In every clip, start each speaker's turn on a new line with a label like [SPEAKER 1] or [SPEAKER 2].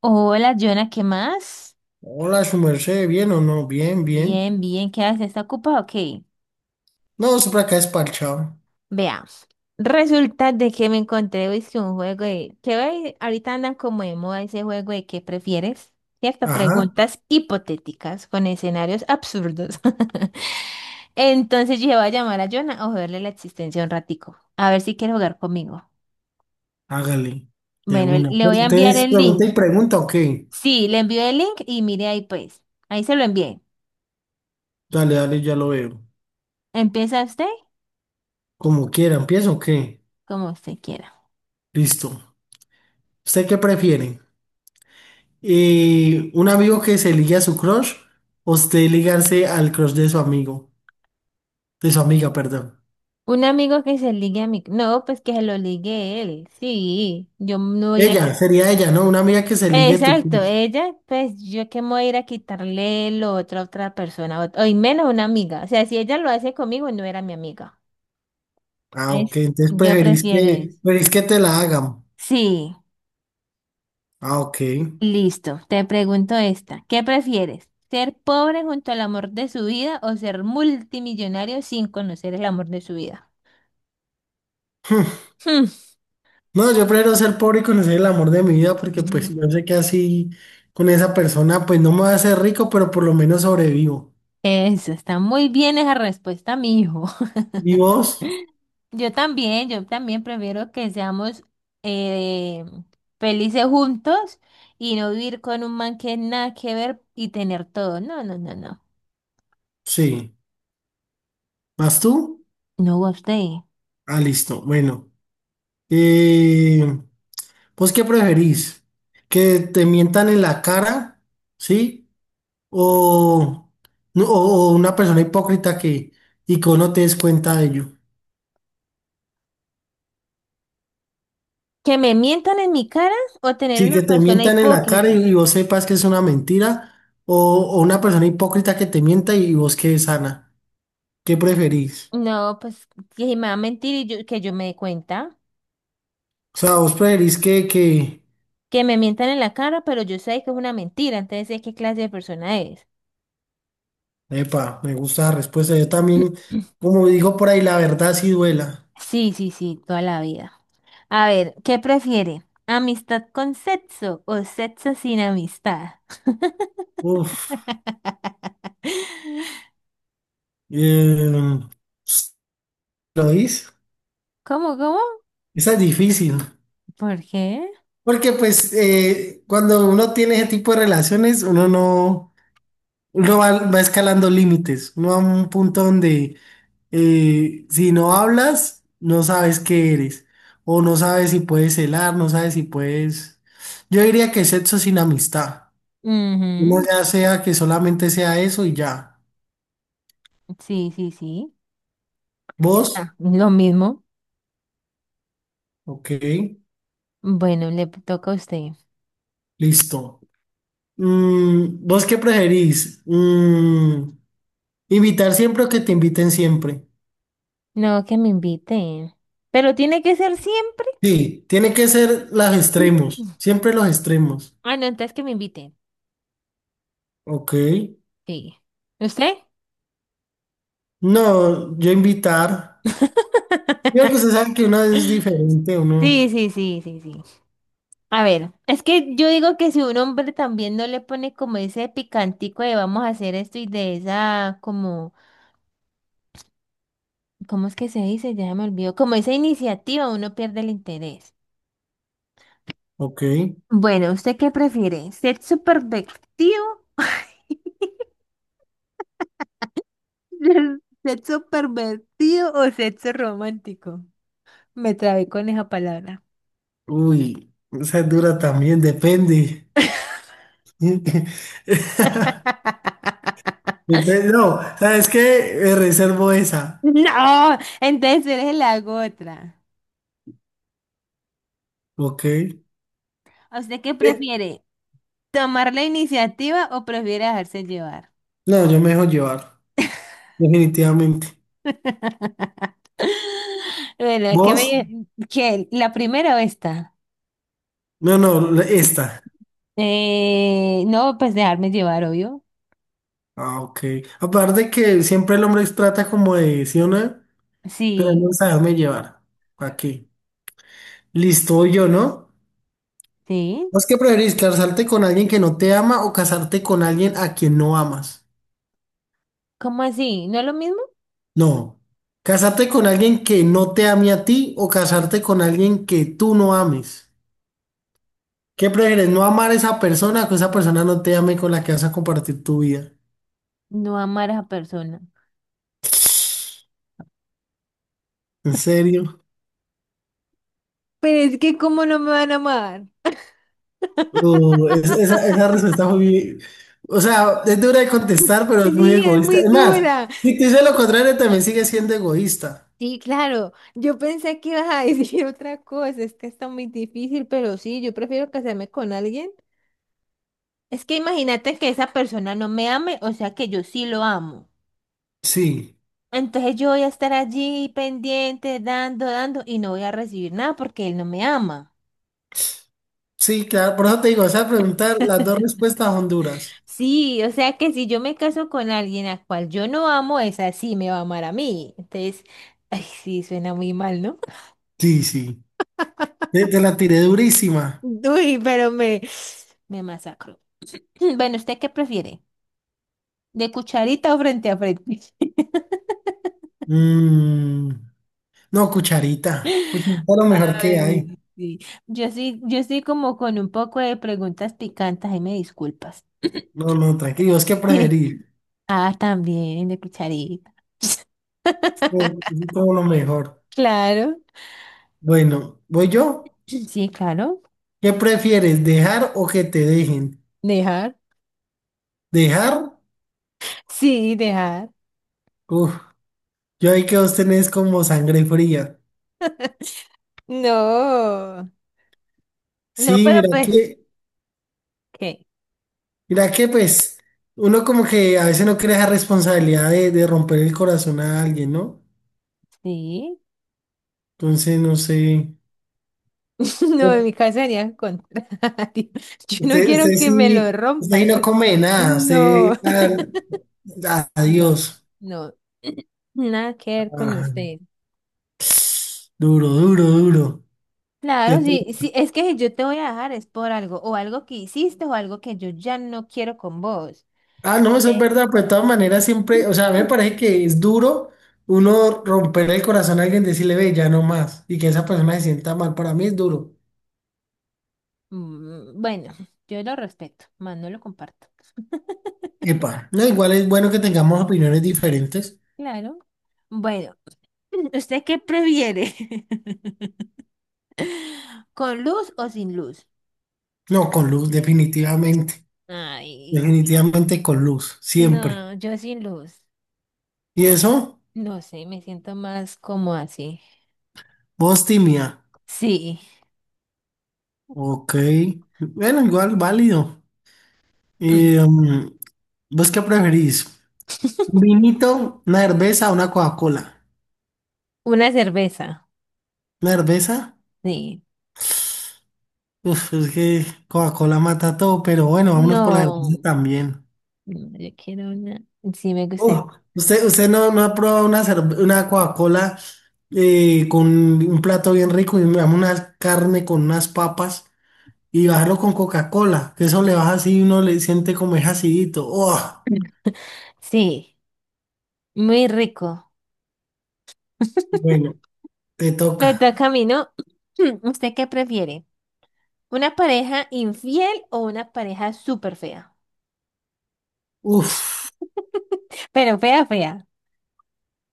[SPEAKER 1] Hola, Jonah, ¿qué más?
[SPEAKER 2] Hola, su merced, ¿bien o no? Bien, bien.
[SPEAKER 1] Bien, bien, ¿qué haces? ¿Está ocupado? Ok,
[SPEAKER 2] No, siempre acá es parchado.
[SPEAKER 1] veamos. Resulta de que me encontré hoy que hoy ahorita andan como de moda ese juego de ¿qué prefieres? ¿Cierto?
[SPEAKER 2] Ajá,
[SPEAKER 1] Preguntas hipotéticas con escenarios absurdos. Entonces yo voy a llamar a Jonah a joderle la existencia un ratico. A ver si quiere jugar conmigo.
[SPEAKER 2] hágale, de
[SPEAKER 1] Bueno,
[SPEAKER 2] una.
[SPEAKER 1] le
[SPEAKER 2] Pero
[SPEAKER 1] voy a enviar
[SPEAKER 2] ustedes
[SPEAKER 1] el link.
[SPEAKER 2] pregunta y pregunta, ok.
[SPEAKER 1] Sí, le envío el link y mire ahí pues. Ahí se lo envié.
[SPEAKER 2] Dale, dale, ya lo veo.
[SPEAKER 1] Empieza usted
[SPEAKER 2] Como quiera, ¿empiezo o qué?
[SPEAKER 1] como usted quiera.
[SPEAKER 2] Listo. ¿Usted qué prefiere? ¿Un amigo que se ligue a su crush o usted ligarse al crush de su amigo? De su amiga, perdón.
[SPEAKER 1] Un amigo que se ligue No, pues que se lo ligue él. Sí, yo no voy a ir a
[SPEAKER 2] Ella,
[SPEAKER 1] quitar.
[SPEAKER 2] sería ella, ¿no? Una amiga que se ligue a tu
[SPEAKER 1] Exacto,
[SPEAKER 2] crush.
[SPEAKER 1] ella, pues yo que me voy a ir a quitarle lo otro a otra persona, o, y menos una amiga. O sea, si ella lo hace conmigo, no era mi amiga.
[SPEAKER 2] Ah, ok,
[SPEAKER 1] Es, yo
[SPEAKER 2] entonces
[SPEAKER 1] Bueno, prefiero eso.
[SPEAKER 2] preferís que te la hagan.
[SPEAKER 1] Sí,
[SPEAKER 2] Ah, ok.
[SPEAKER 1] listo. Te pregunto esta. ¿Qué prefieres? ¿Ser pobre junto al amor de su vida o ser multimillonario sin conocer el amor de su vida? Hmm.
[SPEAKER 2] No, yo prefiero ser pobre y conocer el amor de mi vida porque pues yo sé que así con esa persona pues no me va a hacer rico, pero por lo menos sobrevivo.
[SPEAKER 1] Eso, está muy bien esa respuesta, mi hijo.
[SPEAKER 2] ¿Y vos?
[SPEAKER 1] Yo también prefiero que seamos eh, felices juntos y no vivir con un man que nada que ver y tener todo. No, no, no, no.
[SPEAKER 2] Sí. ¿Más tú?
[SPEAKER 1] No, usted.
[SPEAKER 2] Ah, listo. Bueno. Eh, ¿Vos qué preferís? ¿Que te mientan en la cara? ¿Sí? ¿O, o una persona hipócrita que y que vos no te des cuenta de ello?
[SPEAKER 1] ¿Que me mientan en mi cara o tener
[SPEAKER 2] Sí,
[SPEAKER 1] una
[SPEAKER 2] que te
[SPEAKER 1] persona
[SPEAKER 2] mientan en la cara
[SPEAKER 1] hipócrita?
[SPEAKER 2] y vos sepas que es una mentira, o, o una persona hipócrita que te mienta y vos quedes sana. ¿Qué preferís?
[SPEAKER 1] No, pues que si me va a mentir que yo me dé cuenta.
[SPEAKER 2] O sea, que...
[SPEAKER 1] Que me mientan en la cara, pero yo sé que es una mentira, entonces sé qué clase de persona es.
[SPEAKER 2] Epa, me gusta la
[SPEAKER 1] Eh,
[SPEAKER 2] respuesta. Yo también, como digo por ahí, la verdad sí duela.
[SPEAKER 1] Sí, sí, sí, toda la vida. A ver, ¿qué prefiere? ¿Amistad con sexo o sexo sin amistad?
[SPEAKER 2] Uf, eh, ¿Lo dices?
[SPEAKER 1] ¿Cómo, cómo?
[SPEAKER 2] Esa es difícil.
[SPEAKER 1] ¿Por qué?
[SPEAKER 2] Porque pues cuando uno tiene ese tipo de relaciones, uno no... va escalando límites, uno va a un punto donde si no hablas, no sabes qué eres, o no sabes si puedes celar, no sabes si puedes... Yo diría que sexo sin amistad, uno
[SPEAKER 1] Ujú.
[SPEAKER 2] ya sea que solamente sea eso y ya.
[SPEAKER 1] Sí, sí, sí. Ya
[SPEAKER 2] ¿Vos?
[SPEAKER 1] está, lo mismo.
[SPEAKER 2] Ok,
[SPEAKER 1] Bueno, le toca a usted.
[SPEAKER 2] listo. ¿Vos qué preferís? ¿Invitar siempre o que te inviten siempre?
[SPEAKER 1] No, que me inviten. Pero tiene que ser siempre.
[SPEAKER 2] Sí, tiene que ser los extremos, siempre los extremos.
[SPEAKER 1] Ah, no, entonces que me inviten.
[SPEAKER 2] Ok.
[SPEAKER 1] Sí. ¿Usted?
[SPEAKER 2] No, yo invitar. Mira que usted sabe que una es diferente,
[SPEAKER 1] Sí,
[SPEAKER 2] uno.
[SPEAKER 1] sí, sí, sí, sí. A ver, es que yo digo que si un hombre también no le pone como ese picantico de vamos a hacer esto y de esa como, ¿cómo es que se dice? Ya me olvidó, como esa iniciativa uno pierde el interés.
[SPEAKER 2] Ok.
[SPEAKER 1] Bueno, ¿usted qué prefiere? ¿Ser supervertido? ¿Sexo pervertido o sexo romántico? Me trabé con esa palabra.
[SPEAKER 2] Uy, esa es dura también, depende. Depende, no, ¿sabes qué? Me reservo esa.
[SPEAKER 1] No, entonces le hago otra.
[SPEAKER 2] Ok.
[SPEAKER 1] ¿A usted qué prefiere? ¿Tomar la iniciativa o prefiere dejarse llevar?
[SPEAKER 2] No, yo me dejo llevar, definitivamente.
[SPEAKER 1] Bueno,
[SPEAKER 2] ¿Vos?
[SPEAKER 1] qué, la primera o esta?
[SPEAKER 2] No, no, esta.
[SPEAKER 1] No, pues dejarme llevar, obvio.
[SPEAKER 2] Ah, ok. Aparte que siempre el hombre trata como de, ¿sí o no? Pero
[SPEAKER 1] Sí,
[SPEAKER 2] no saberme llevar. Aquí. Listo, voy yo, ¿no?
[SPEAKER 1] sí.
[SPEAKER 2] ¿Vos qué preferís, casarte con alguien que no te ama o casarte con alguien a quien no amas?
[SPEAKER 1] ¿Cómo así? ¿No es lo mismo?
[SPEAKER 2] No. ¿Casarte con alguien que no te ame a ti o casarte con alguien que tú no ames? ¿Qué prefieres, no amar a esa persona o que esa persona no te ame con la que vas a compartir tu vida?
[SPEAKER 1] No amar a esa persona.
[SPEAKER 2] ¿En serio?
[SPEAKER 1] Pero es que ¿cómo no me van a amar?
[SPEAKER 2] Esa respuesta fue muy... O sea, es dura de contestar, pero es muy
[SPEAKER 1] Sí, es
[SPEAKER 2] egoísta.
[SPEAKER 1] muy
[SPEAKER 2] Es más,
[SPEAKER 1] dura.
[SPEAKER 2] si te dice lo contrario, también sigue siendo egoísta.
[SPEAKER 1] Sí, claro. Yo pensé que ibas a decir otra cosa. Es que está muy difícil, pero sí, yo prefiero casarme con alguien. Es que imagínate que esa persona no me ame, o sea que yo sí lo amo.
[SPEAKER 2] Sí,
[SPEAKER 1] Entonces yo voy a estar allí pendiente, dando, dando, y no voy a recibir nada porque él no me ama.
[SPEAKER 2] sí, claro. Por eso te digo, esa pregunta, las dos respuestas son duras.
[SPEAKER 1] Sí, o sea que si yo me caso con alguien a cual yo no amo, esa sí me va a amar a mí. Entonces, ay, sí, suena muy mal, ¿no?
[SPEAKER 2] Sí, sí. Te la tiré durísima.
[SPEAKER 1] Uy, pero me masacro. Bueno, ¿usted qué prefiere? ¿De cucharita o frente a frente?
[SPEAKER 2] Mm, no, cucharita. Cucharita es lo mejor que
[SPEAKER 1] Ay,
[SPEAKER 2] hay.
[SPEAKER 1] sí. Yo sí como con un poco de preguntas picantes, ahí me disculpas.
[SPEAKER 2] No, no, tranquilo. ¿Vos qué preferís?
[SPEAKER 1] Ah, también, de cucharita.
[SPEAKER 2] Como, como lo mejor.
[SPEAKER 1] Claro,
[SPEAKER 2] Bueno, ¿voy yo?
[SPEAKER 1] sí, claro.
[SPEAKER 2] ¿Qué prefieres, dejar o que te dejen?
[SPEAKER 1] Dejar.
[SPEAKER 2] ¿Dejar?
[SPEAKER 1] Sí, dejar.
[SPEAKER 2] Uf, yo ahí que vos tenés como sangre fría.
[SPEAKER 1] No, no,
[SPEAKER 2] Sí,
[SPEAKER 1] pero pues, ¿qué?
[SPEAKER 2] mira que pues, uno como que a veces no quiere esa responsabilidad de romper el corazón a alguien, ¿no?
[SPEAKER 1] Sí.
[SPEAKER 2] Entonces, no sé.
[SPEAKER 1] No, en mi caso sería al contrario. Yo no quiero
[SPEAKER 2] Usted
[SPEAKER 1] que me lo
[SPEAKER 2] sí, usted ahí
[SPEAKER 1] rompan.
[SPEAKER 2] no come nada,
[SPEAKER 1] No,
[SPEAKER 2] usted, ah,
[SPEAKER 1] no,
[SPEAKER 2] adiós.
[SPEAKER 1] no. Nada que ver con
[SPEAKER 2] Ah,
[SPEAKER 1] usted.
[SPEAKER 2] duro, duro, duro. De
[SPEAKER 1] Claro,
[SPEAKER 2] to-
[SPEAKER 1] sí, sí, es que si yo te voy a dejar es por algo, o algo que hiciste, o algo que yo ya no quiero con vos.
[SPEAKER 2] Ah, no, eso es
[SPEAKER 1] ¿Ves?
[SPEAKER 2] verdad, pero de todas maneras siempre, o sea, a mí me parece que es duro uno romper el corazón a alguien, decirle, ve, ya no más, y que esa persona se sienta mal, para mí es duro.
[SPEAKER 1] Bueno, yo lo respeto, más no lo comparto.
[SPEAKER 2] Epa, no, igual es bueno que tengamos opiniones diferentes.
[SPEAKER 1] Claro. Bueno, ¿usted qué prefiere? ¿Con luz o sin luz?
[SPEAKER 2] No, con luz, definitivamente,
[SPEAKER 1] Ay,
[SPEAKER 2] definitivamente con luz, siempre.
[SPEAKER 1] no, yo sin luz.
[SPEAKER 2] ¿Y eso?
[SPEAKER 1] No sé, me siento más como así.
[SPEAKER 2] Vos, timia.
[SPEAKER 1] Sí,
[SPEAKER 2] Ok, bueno, igual válido.
[SPEAKER 1] Mm.
[SPEAKER 2] Eh, mm, ¿Vos qué preferís? ¿Un vinito, una cerveza o una Coca-Cola?
[SPEAKER 1] una cerveza.
[SPEAKER 2] ¿Una cerveza?
[SPEAKER 1] Sí.
[SPEAKER 2] Uf, es que Coca-Cola mata todo, pero bueno, vámonos por la cerveza
[SPEAKER 1] No.
[SPEAKER 2] también.
[SPEAKER 1] No, yo quiero una. Sí, me gustaría.
[SPEAKER 2] Usted no ha probado una Coca-Cola con un plato bien rico y digamos, una carne con unas papas y bajarlo con Coca-Cola? Que eso le baja así y uno le siente como es acidito. Oh,
[SPEAKER 1] Sí, muy rico.
[SPEAKER 2] bueno, te
[SPEAKER 1] Me
[SPEAKER 2] toca.
[SPEAKER 1] toca a mí, ¿no? ¿Usted qué prefiere? ¿Una pareja infiel o una pareja súper fea?
[SPEAKER 2] Uf,
[SPEAKER 1] Pero fea, fea.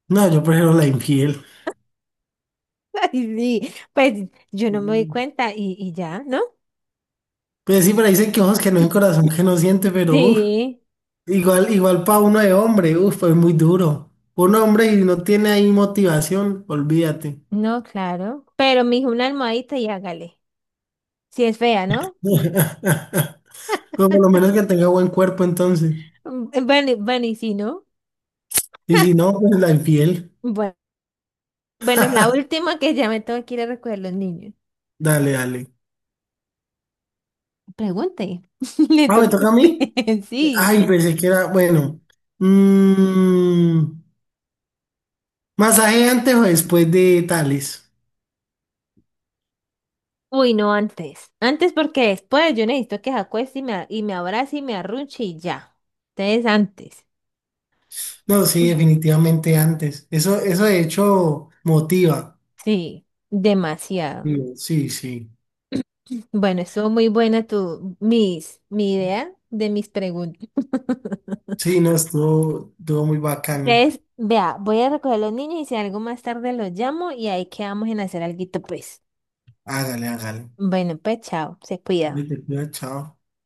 [SPEAKER 2] no, yo prefiero la infiel.
[SPEAKER 1] Ay, sí, pues yo no me doy cuenta y ya, ¿no?
[SPEAKER 2] Pues sí, pero dicen que ojos que no ven, corazón que no siente, pero uf,
[SPEAKER 1] Sí,
[SPEAKER 2] igual, igual para uno de hombre, uf, pues muy duro. Un hombre y no tiene ahí motivación, olvídate.
[SPEAKER 1] no, claro. Pero me dijo una almohadita y hágale. Si es fea, ¿no?
[SPEAKER 2] Pero por lo menos que tenga buen cuerpo entonces.
[SPEAKER 1] Bueno, bueno, y si no.
[SPEAKER 2] Y si no, pues la infiel.
[SPEAKER 1] Bueno, la última que ya me tengo que ir a recoger los niños.
[SPEAKER 2] Dale, dale.
[SPEAKER 1] Pregunte, le
[SPEAKER 2] Ah, ¿me
[SPEAKER 1] tocó a
[SPEAKER 2] toca a mí?
[SPEAKER 1] usted, sí.
[SPEAKER 2] Ay, pensé que era, bueno. Mm, ¿Masaje antes o después de tales?
[SPEAKER 1] Uy, no antes. Antes porque después yo necesito que se acueste y me abrace y me arrunche y ya. Entonces antes.
[SPEAKER 2] No, sí, definitivamente antes. Eso de hecho motiva.
[SPEAKER 1] Sí, demasiado.
[SPEAKER 2] Sí, sí.
[SPEAKER 1] Bueno, estuvo muy buena mi idea de mis preguntas.
[SPEAKER 2] Sí, no, estuvo, estuvo muy bacano.
[SPEAKER 1] Entonces, vea, voy a recoger a los niños y si algo más tarde los llamo y ahí quedamos en hacer alguito, pues.
[SPEAKER 2] Hágale, hágale.
[SPEAKER 1] Bueno, pues chao, se cuida.
[SPEAKER 2] Vete, cuida, chao.